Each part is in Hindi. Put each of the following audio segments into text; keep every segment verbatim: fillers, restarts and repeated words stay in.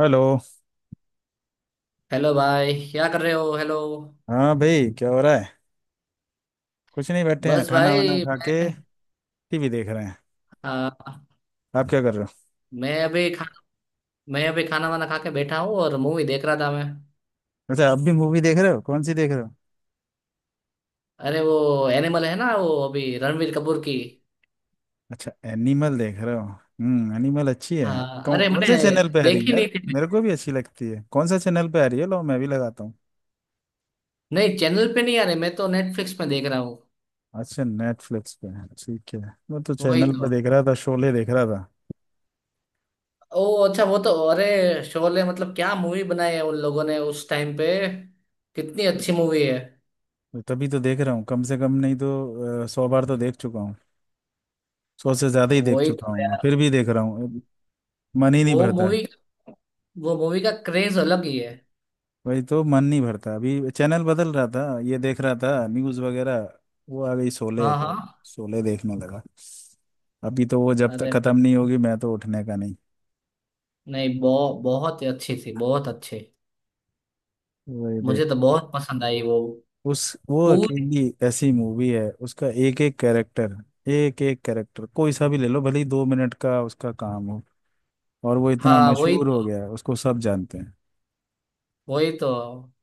हेलो। हेलो भाई, क्या कर रहे हो? हेलो। हाँ भाई, क्या हो रहा है? कुछ नहीं, बैठे हैं, बस खाना वाना भाई खा के मैं, टीवी देख रहे हैं। आ, आप क्या कर रहे हो? मैं अभी खा मैं अभी खाना वाना खा के बैठा हूँ और मूवी देख रहा था मैं। अच्छा, आप भी मूवी देख रहे हो, कौन सी देख रहे हो? अरे वो एनिमल है ना, वो अभी रणवीर कपूर की। अच्छा, एनिमल देख रहे हो। हम्म, एनिमल अच्छी है। हाँ, कौन अरे कौन से मैंने चैनल पे आ रही है देखी यार? नहीं थी। मेरे को भी अच्छी लगती है, कौन सा चैनल पे आ रही है? लो, मैं भी लगाता हूँ। नहीं, चैनल पे नहीं आ रही, मैं तो नेटफ्लिक्स में देख रहा हूँ। अच्छा, नेटफ्लिक्स पे है, ठीक है। मैं तो वही चैनल तो। पर देख रहा था, शोले देख रहा था। ओ, अच्छा वो तो, अरे शोले मतलब क्या मूवी बनाई है उन लोगों ने उस टाइम पे, कितनी अच्छी मूवी है। तो तभी तो देख रहा हूँ, कम से कम नहीं तो अ, सौ बार तो देख चुका हूँ। सौ से ज्यादा ही देख वही तो चुका हूँ, मैं यार। फिर भी देख रहा हूँ। मन ही नहीं वो भरता। मूवी, वो मूवी का क्रेज अलग ही है। वही तो मन नहीं भरता, अभी चैनल बदल रहा था, ये देख रहा था न्यूज़ वगैरह। वो आ गई शोले हाँ हाँ, तो, शोले देखने लगा। अभी तो वो जब तक अरे खत्म नहीं होगी, मैं तो उठने का नहीं। नहीं, बहु, बहुत ही अच्छी थी, बहुत अच्छी। वही देख। मुझे तो बहुत पसंद आई वो उस वो पूरी। अकेली ऐसी मूवी है, उसका एक एक कैरेक्टर। एक एक कैरेक्टर कोई सा भी ले लो, भले ही दो मिनट का उसका काम हो, और वो इतना हाँ वही मशहूर हो तो, गया है, उसको सब जानते हैं। वही तो।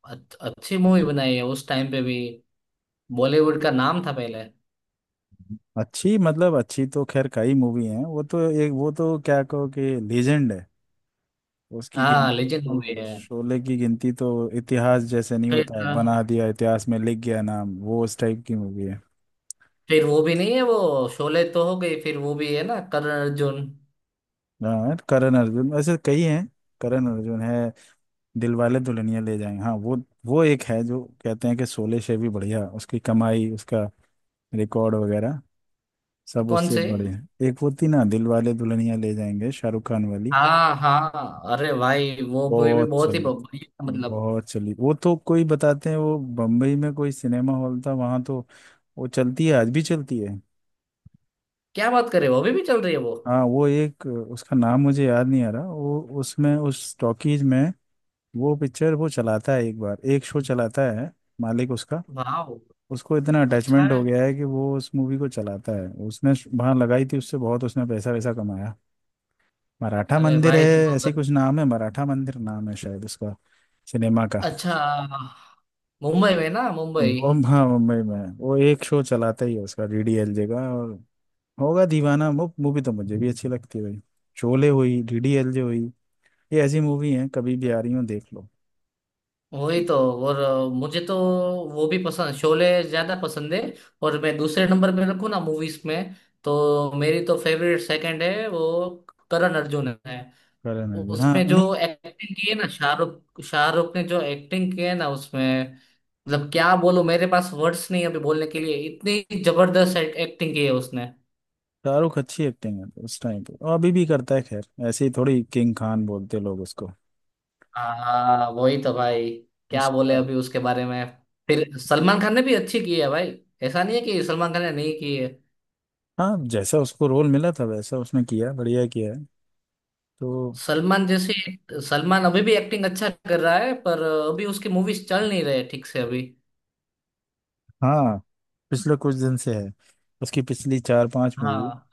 अच- अच्छी मूवी बनाई है उस टाइम पे भी, बॉलीवुड का नाम था पहले। अच्छी मतलब अच्छी तो खैर कई मूवी हैं, वो तो एक, वो तो क्या कहो कि लीजेंड है। उसकी गिन हाँ, लेजेंड मूवी तो, है। शोले की गिनती तो इतिहास जैसे नहीं फिर होता है बना दिया, इतिहास में लिख गया नाम, वो उस टाइप की मूवी है। फिर वो भी नहीं है, वो शोले तो हो गई, फिर वो भी है ना, करण अर्जुन। हाँ करण अर्जुन, ऐसे कई हैं। करण अर्जुन है, दिलवाले दुल्हनिया ले जाएंगे, हाँ वो वो एक है जो कहते हैं कि शोले से भी बढ़िया उसकी कमाई, उसका रिकॉर्ड वगैरह सब कौन उससे से? बढ़िया है। एक होती ना दिलवाले दुल्हनिया ले जाएंगे, शाहरुख खान वाली। हाँ हाँ, अरे भाई वो मूवी भी बहुत बहुत ही चली थी, बढ़िया मतलब, बहुत चली वो तो। कोई बताते हैं वो बम्बई में कोई सिनेमा हॉल था वहां तो वो चलती है, आज भी चलती है। क्या बात करे, वो अभी भी चल रही है वो। हाँ वो एक, उसका नाम मुझे याद नहीं आ रहा, वो उसमें उस टॉकीज में वो पिक्चर वो चलाता है, एक बार एक शो चलाता है, मालिक उसका। वाह, उसको इतना अच्छा अटैचमेंट हो है। गया है कि वो उस मूवी को चलाता है, उसने वहां लगाई थी, उससे बहुत उसने पैसा वैसा कमाया। मराठा अरे मंदिर है, भाई तो, ऐसी तो कुछ नाम है, मराठा मंदिर नाम है शायद उसका सिनेमा का। अच्छा मुंबई में ना, मुंबई? वो हाँ, मुंबई में है। वो एक शो चलाता ही है उसका, डीडीएलजे का और होगा दीवाना। वो मूवी तो मुझे भी अच्छी लगती है भाई। शोले हुई, डीडीएलजे हुई, ये ऐसी मूवी है कभी भी आ रही हो देख लो। वही तो। और अ, मुझे तो वो भी पसंद, शोले ज्यादा पसंद है। और मैं दूसरे नंबर पे रखूँ ना मूवीज में, तो मेरी तो फेवरेट सेकंड है वो, करण अर्जुन है। करण अर्जुन, हाँ उसमें जो नहीं, एक्टिंग की है ना, शाहरुख, शाहरुख ने जो एक्टिंग की है ना उसमें, मतलब क्या बोलूं, मेरे पास वर्ड्स नहीं है अभी बोलने के लिए, इतनी जबरदस्त एक्टिंग की है उसने। शाहरुख अच्छी एक्टिंग है उस टाइम पे, और अभी भी करता है। खैर ऐसे ही थोड़ी किंग खान बोलते लोग उसको। हाँ वही तो भाई, क्या बोले उसका अभी उसके बारे में। फिर सलमान खान ने भी अच्छी की है भाई, ऐसा नहीं है कि सलमान खान ने नहीं की है। हाँ, जैसा उसको रोल मिला था वैसा उसने किया, बढ़िया किया है तो। सलमान जैसे सलमान अभी भी एक्टिंग अच्छा कर रहा है, पर अभी उसकी मूवीज चल नहीं रहे ठीक से अभी। हाँ पिछले कुछ दिन से है, उसकी पिछली चार पांच मूवी हाँ,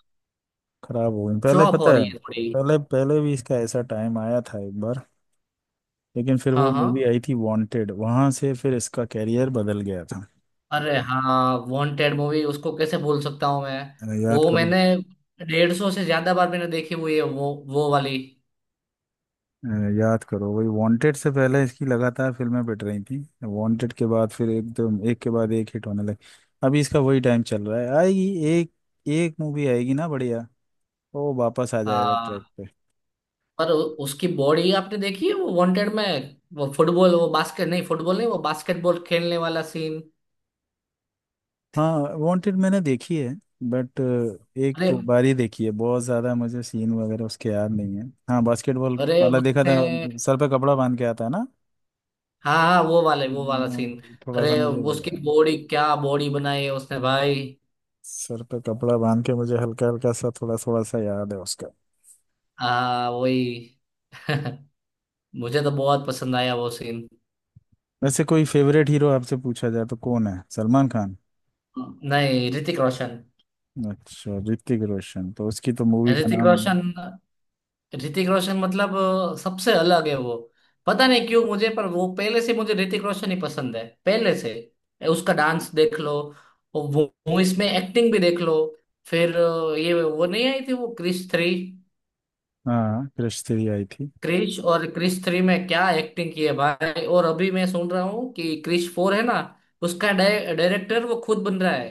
खराब हो गई, पहले फ्लॉप पता हो रही है। है थोड़ी। पहले पहले भी इसका ऐसा टाइम आया था एक बार, लेकिन फिर वो हाँ हाँ, मूवी आई थी वांटेड, वहां से फिर इसका कैरियर बदल गया था। अरे हाँ वांटेड मूवी, उसको कैसे भूल सकता हूँ मैं। अ, याद वो करो। मैंने डेढ़ सौ से ज्यादा बार मैंने देखी हुई है वो वो वाली। अ, याद करो वही, वांटेड से पहले इसकी लगातार फिल्में पिट रही थी, वांटेड के बाद फिर एकदम एक के बाद एक हिट होने लगी। अभी इसका वही टाइम चल रहा है, आएगी एक, एक मूवी आएगी ना बढ़िया, वो वापस आ जाएगा ट्रैक। पर उ- उसकी बॉडी आपने देखी है वो वांटेड में? वो फुटबॉल, वो बास्केट नहीं, फुटबॉल नहीं, वो बास्केटबॉल खेलने वाला सीन। हाँ वांटेड मैंने देखी है, बट एक अरे, दो बार ही देखी है, बहुत ज़्यादा मुझे सीन वगैरह उसके याद नहीं है। हाँ बास्केटबॉल अरे वाला देखा था, उसने। सर पे कपड़ा बांध के आता है ना। हाँ हाँ, वो वाले, वो वाला सीन। हम्म, थोड़ा सा अरे मुझे याद उसकी है। बॉडी, क्या बॉडी बनाई है उसने भाई! सर पे कपड़ा बांध के मुझे हल्का हल्का सा थोड़ा थोड़ा सा याद है उसका। हाँ वही। मुझे तो बहुत पसंद आया वो सीन। वैसे कोई फेवरेट हीरो आपसे पूछा जाए तो कौन है, सलमान खान? नहीं, ऋतिक रोशन। अच्छा ऋतिक रोशन, तो उसकी तो मूवी का ऋतिक नाम, रोशन, ऋतिक रोशन मतलब अ, सबसे अलग है वो। पता नहीं क्यों मुझे, पर वो पहले से मुझे ऋतिक रोशन ही पसंद है पहले से। ए, उसका डांस देख लो, और वो मूवीज में एक्टिंग भी देख लो। फिर अ, ये वो नहीं आई थी वो, क्रिश थ्री? हाँ क्रिश थ्री आई थी। क्रिश और क्रिश थ्री में क्या एक्टिंग की है भाई, और अभी मैं सुन रहा हूँ कि क्रिश फोर है ना। उसका डाय- डायरेक्टर वो खुद बन रहा है,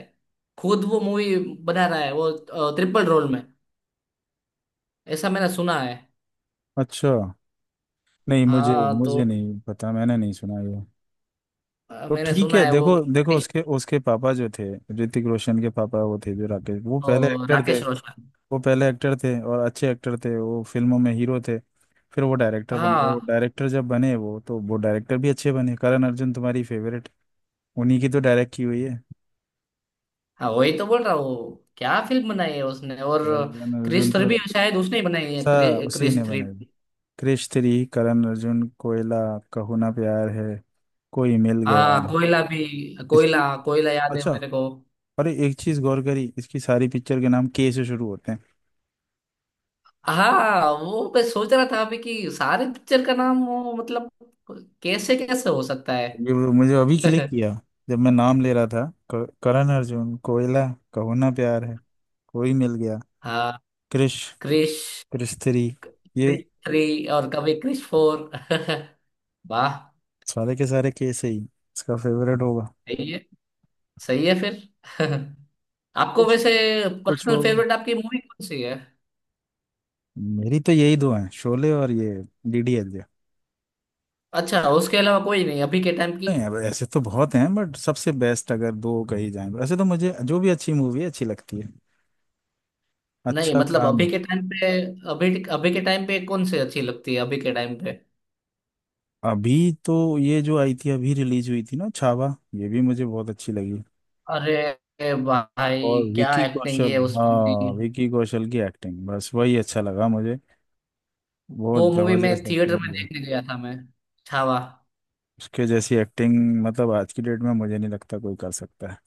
खुद वो मूवी बना रहा है वो अ, ट्रिपल रोल में, ऐसा मैंने सुना है। अच्छा, नहीं मुझे हाँ तो मुझे नहीं पता, मैंने नहीं सुना ये। अ, तो मैंने ठीक सुना है, है वो। देखो देखो, उसके उसके पापा जो थे, ऋतिक रोशन के पापा वो थे, जो राकेश, वो ओ, पहले एक्टर थे। राकेश रोशन। वो पहले एक्टर थे और अच्छे एक्टर थे, वो फिल्मों में हीरो थे। फिर वो डायरेक्टर बन, वो हाँ डायरेक्टर जब बने वो, तो वो डायरेक्टर भी अच्छे बने। करण अर्जुन तुम्हारी फेवरेट, उन्हीं की तो डायरेक्ट की हुई है। हाँ, वही तो बोल रहा हूँ, क्या फिल्म बनाई है उसने, और करण अर्जुन क्रिस थ्री तो भी शायद उसने ही बनाई है, सा, क्रि, उसी ने क्रिस थ्री। बनाई। क्रिश थ्री, करण अर्जुन, कोयला, कहो ना प्यार है, कोई मिल गया, हाँ कोयला भी, इसकी। कोयला कोयला याद है अच्छा, मेरे को। अरे एक चीज गौर करी, इसकी सारी पिक्चर के नाम के से शुरू होते हैं। हाँ वो मैं सोच रहा था अभी कि सारे पिक्चर का नाम वो मतलब, कैसे कैसे हो सकता है। ये मुझे अभी क्लिक किया जब मैं नाम ले रहा था। क- करण अर्जुन, कोयला, कहो ना प्यार है, कोई मिल गया, हाँ, क्रिश, क्रिश क्रिश थ्री, ये क्रिश थ्री और कभी क्रिश फोर। वाह। सारे के सारे कैसे ही, इसका फेवरेट होगा सही है, सही है फिर। आपको कुछ, वैसे कुछ पर्सनल होगा। फेवरेट आपकी मूवी कौन सी है? मेरी तो यही दो हैं, शोले और ये डीडीएलजे। अच्छा, उसके अलावा कोई नहीं अभी के टाइम की? नहीं अब ऐसे तो बहुत हैं, बट सबसे बेस्ट अगर दो कही जाएं, वैसे तो मुझे जो भी अच्छी मूवी है अच्छी लगती है, नहीं अच्छा मतलब काम। अभी के टाइम पे, अभी, अभी के टाइम पे कौन सी अच्छी लगती है अभी के टाइम पे? अभी तो ये जो आई थी अभी रिलीज हुई थी ना, छावा, ये भी मुझे बहुत अच्छी लगी। अरे भाई, और क्या विकी एक्टिंग की कौशल, है उसमें भी। हाँ विकी कौशल की एक्टिंग बस वही अच्छा लगा मुझे, बहुत वो मूवी मैं जबरदस्त थिएटर एक्टिंग की में है। देखने गया था मैं, छावा। उसके जैसी एक्टिंग मतलब आज की डेट में मुझे नहीं लगता कोई कर सकता है।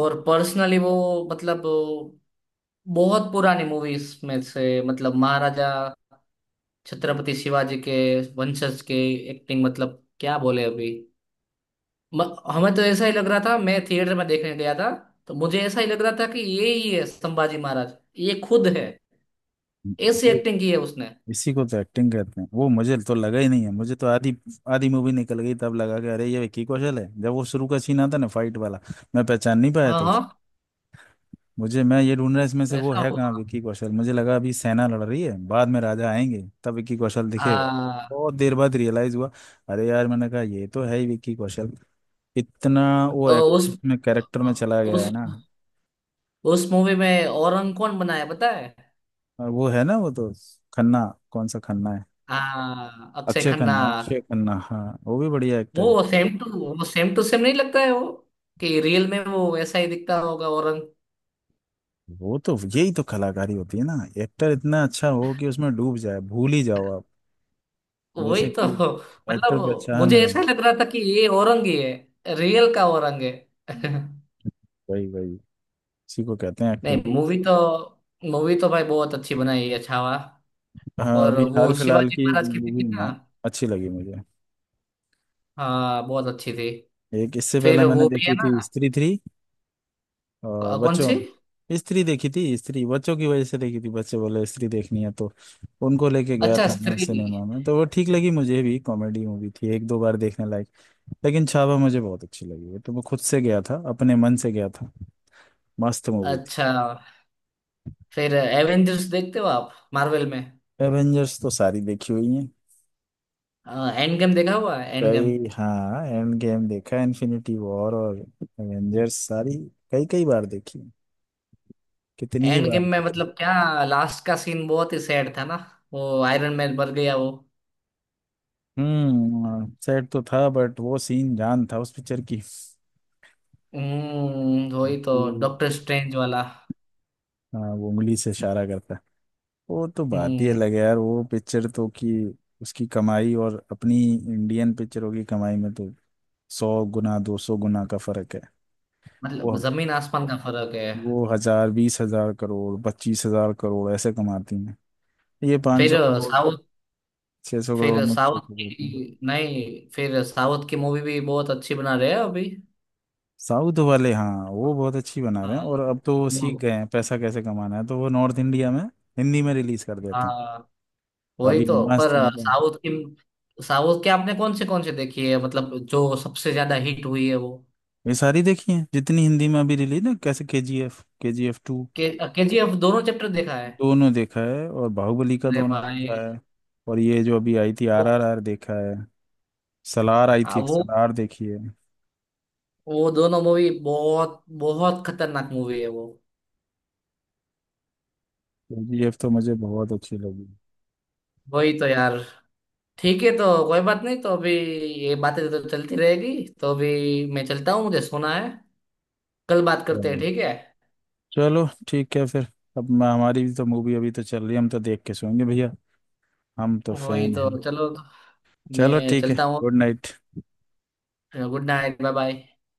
और पर्सनली वो मतलब, बहुत पुरानी मूवीज में से मतलब, महाराजा छत्रपति शिवाजी के वंशज के एक्टिंग मतलब, क्या बोले अभी। म- हमें तो ऐसा ही लग रहा था, मैं थिएटर में देखने गया था तो मुझे ऐसा ही लग रहा था कि ये ही है संभाजी महाराज, ये खुद है, ऐसी है। एक्टिंग की है उसने। इसी को तो एक्टिंग कहते हैं, वो मुझे तो लगा ही नहीं है, मुझे तो आधी, आधी मूवी निकल गई तब लगा कि अरे ये विकी कौशल है। जब वो शुरू का सीन आता ना फाइट वाला, मैं पहचान नहीं पाया हाँ तो। हाँ, मुझे मैं ये ढूंढ रहा इसमें से वो ऐसा है कहाँ हुआ। विक्की कौशल, मुझे लगा अभी सेना लड़ रही है, बाद में राजा आएंगे तब विक्की कौशल दिखेगा। आ, बहुत देर बाद रियलाइज हुआ, अरे यार मैंने कहा ये तो है ही विक्की कौशल, इतना वो एक्ट उस में कैरेक्टर में चला गया उस है ना। उस मूवी में औरंग कौन बनाया पता है? और वो है ना वो तो, खन्ना, कौन सा खन्ना है? हाँ, अक्षय अक्षय खन्ना। खन्ना, अक्षय खन्ना हाँ, वो भी बढ़िया एक्टर है। वो सेम टू वो सेम टू सेम नहीं लगता है वो, कि रियल में वो ऐसा ही दिखता होगा औरंग? वो तो यही तो कलाकारी होती है ना, एक्टर इतना अच्छा हो कि उसमें डूब जाए, भूल ही जाओ आप, वही जैसे तो कि एक्टर मतलब, पहचान में मुझे ना। ऐसा लग रहा था कि ये औरंग ही है, रियल का औरंग है। वही वही, इसी को कहते हैं एक्टिंग। नहीं, मूवी तो, मूवी तो भाई बहुत अच्छी बनाई है छावा। हाँ और अभी हाल वो फिलहाल शिवाजी की महाराज की भी मूवी थी ना? में अच्छी लगी मुझे। हाँ, बहुत अच्छी थी। एक इससे पहले फिर मैंने वो भी है देखी थी ना, स्त्री थ्री, और अ, कौन सी? बच्चों, स्त्री देखी थी, स्त्री बच्चों की वजह से देखी थी, बच्चे बोले स्त्री देखनी है तो उनको लेके गया अच्छा था मैं स्त्री, सिनेमा में। तो वो ठीक लगी मुझे भी, कॉमेडी मूवी थी, एक दो बार देखने लायक। लेकिन छावा मुझे बहुत अच्छी लगी है, तो मैं खुद से गया था, अपने मन से गया था, मस्त मूवी थी। अच्छा। फिर एवेंजर्स देखते हो आप, मार्वल में? एवेंजर्स तो सारी देखी हुई है, एंड गेम देखा हुआ है, एंड गेम। कई, हाँ एंड गेम देखा, इन्फिनिटी वॉर और एवेंजर्स सारी, कई कई बार देखी, कितनी ही एंड बार गेम में देखी। मतलब क्या, लास्ट का सीन बहुत ही सैड था ना, वो आयरन मैन मर गया वो। हम्म, सैड तो था बट वो सीन जान था उस पिक्चर की। हम्म वही तो, हम्म। डॉक्टर स्ट्रेंज वाला। हाँ वो उंगली से इशारा करता है। वो तो बात ही हम्म अलग है यार, वो पिक्चर तो कि उसकी कमाई और अपनी इंडियन पिक्चरों की कमाई में तो सौ गुना, दो सौ गुना का फर्क है। वो मतलब जमीन आसमान का फर्क है। वो हजार, बीस हजार करोड़, पच्चीस हजार करोड़ ऐसे कमाती हैं, ये पाँच फिर सौ करोड़ साउथ छह सौ करोड़ फिर में खो साउथ देती। की, नहीं, फिर साउथ की मूवी भी बहुत अच्छी बना रहे हैं अभी। साउथ वाले, हाँ वो बहुत अच्छी बना रहे हैं, हाँ, और अब तो वो सीख वो गए हैं पैसा कैसे कमाना है, तो वो नॉर्थ इंडिया में हिंदी में रिलीज कर देते हैं। हाँ, अभी वही तो, मस्त पर। उनका। साउथ की, साउथ की आपने कौन से कौन से देखी है, मतलब जो सबसे ज्यादा हिट हुई है वो? ये सारी देखी है, जितनी हिंदी में अभी रिलीज ना, कैसे K G F, K G F two, के केजीएफ दोनों चैप्टर देखा है। दोनों देखा है, और बाहुबली का अरे दोनों भाई, देखा है, और ये जो अभी आई थी आर वो आर आर देखा है, सलार आई हाँ, थी एक, वो सलार देखी है। वो दोनों मूवी बहुत बहुत खतरनाक मूवी है वो। के जी एफ तो मुझे बहुत अच्छी लगी। वही तो यार, ठीक है तो, कोई बात नहीं तो अभी, ये बातें तो चलती रहेगी, तो अभी मैं चलता हूँ, मुझे सोना है, कल बात करते हैं, चलो ठीक है? चलो, ठीक है फिर, अब मैं- हमारी भी तो मूवी अभी तो चल रही है, हम तो देख के सोएंगे भैया, हम तो वही फैन तो, हैं। चलो चलो मैं ठीक है। चलता हूँ। Good night. Good night, bye bye.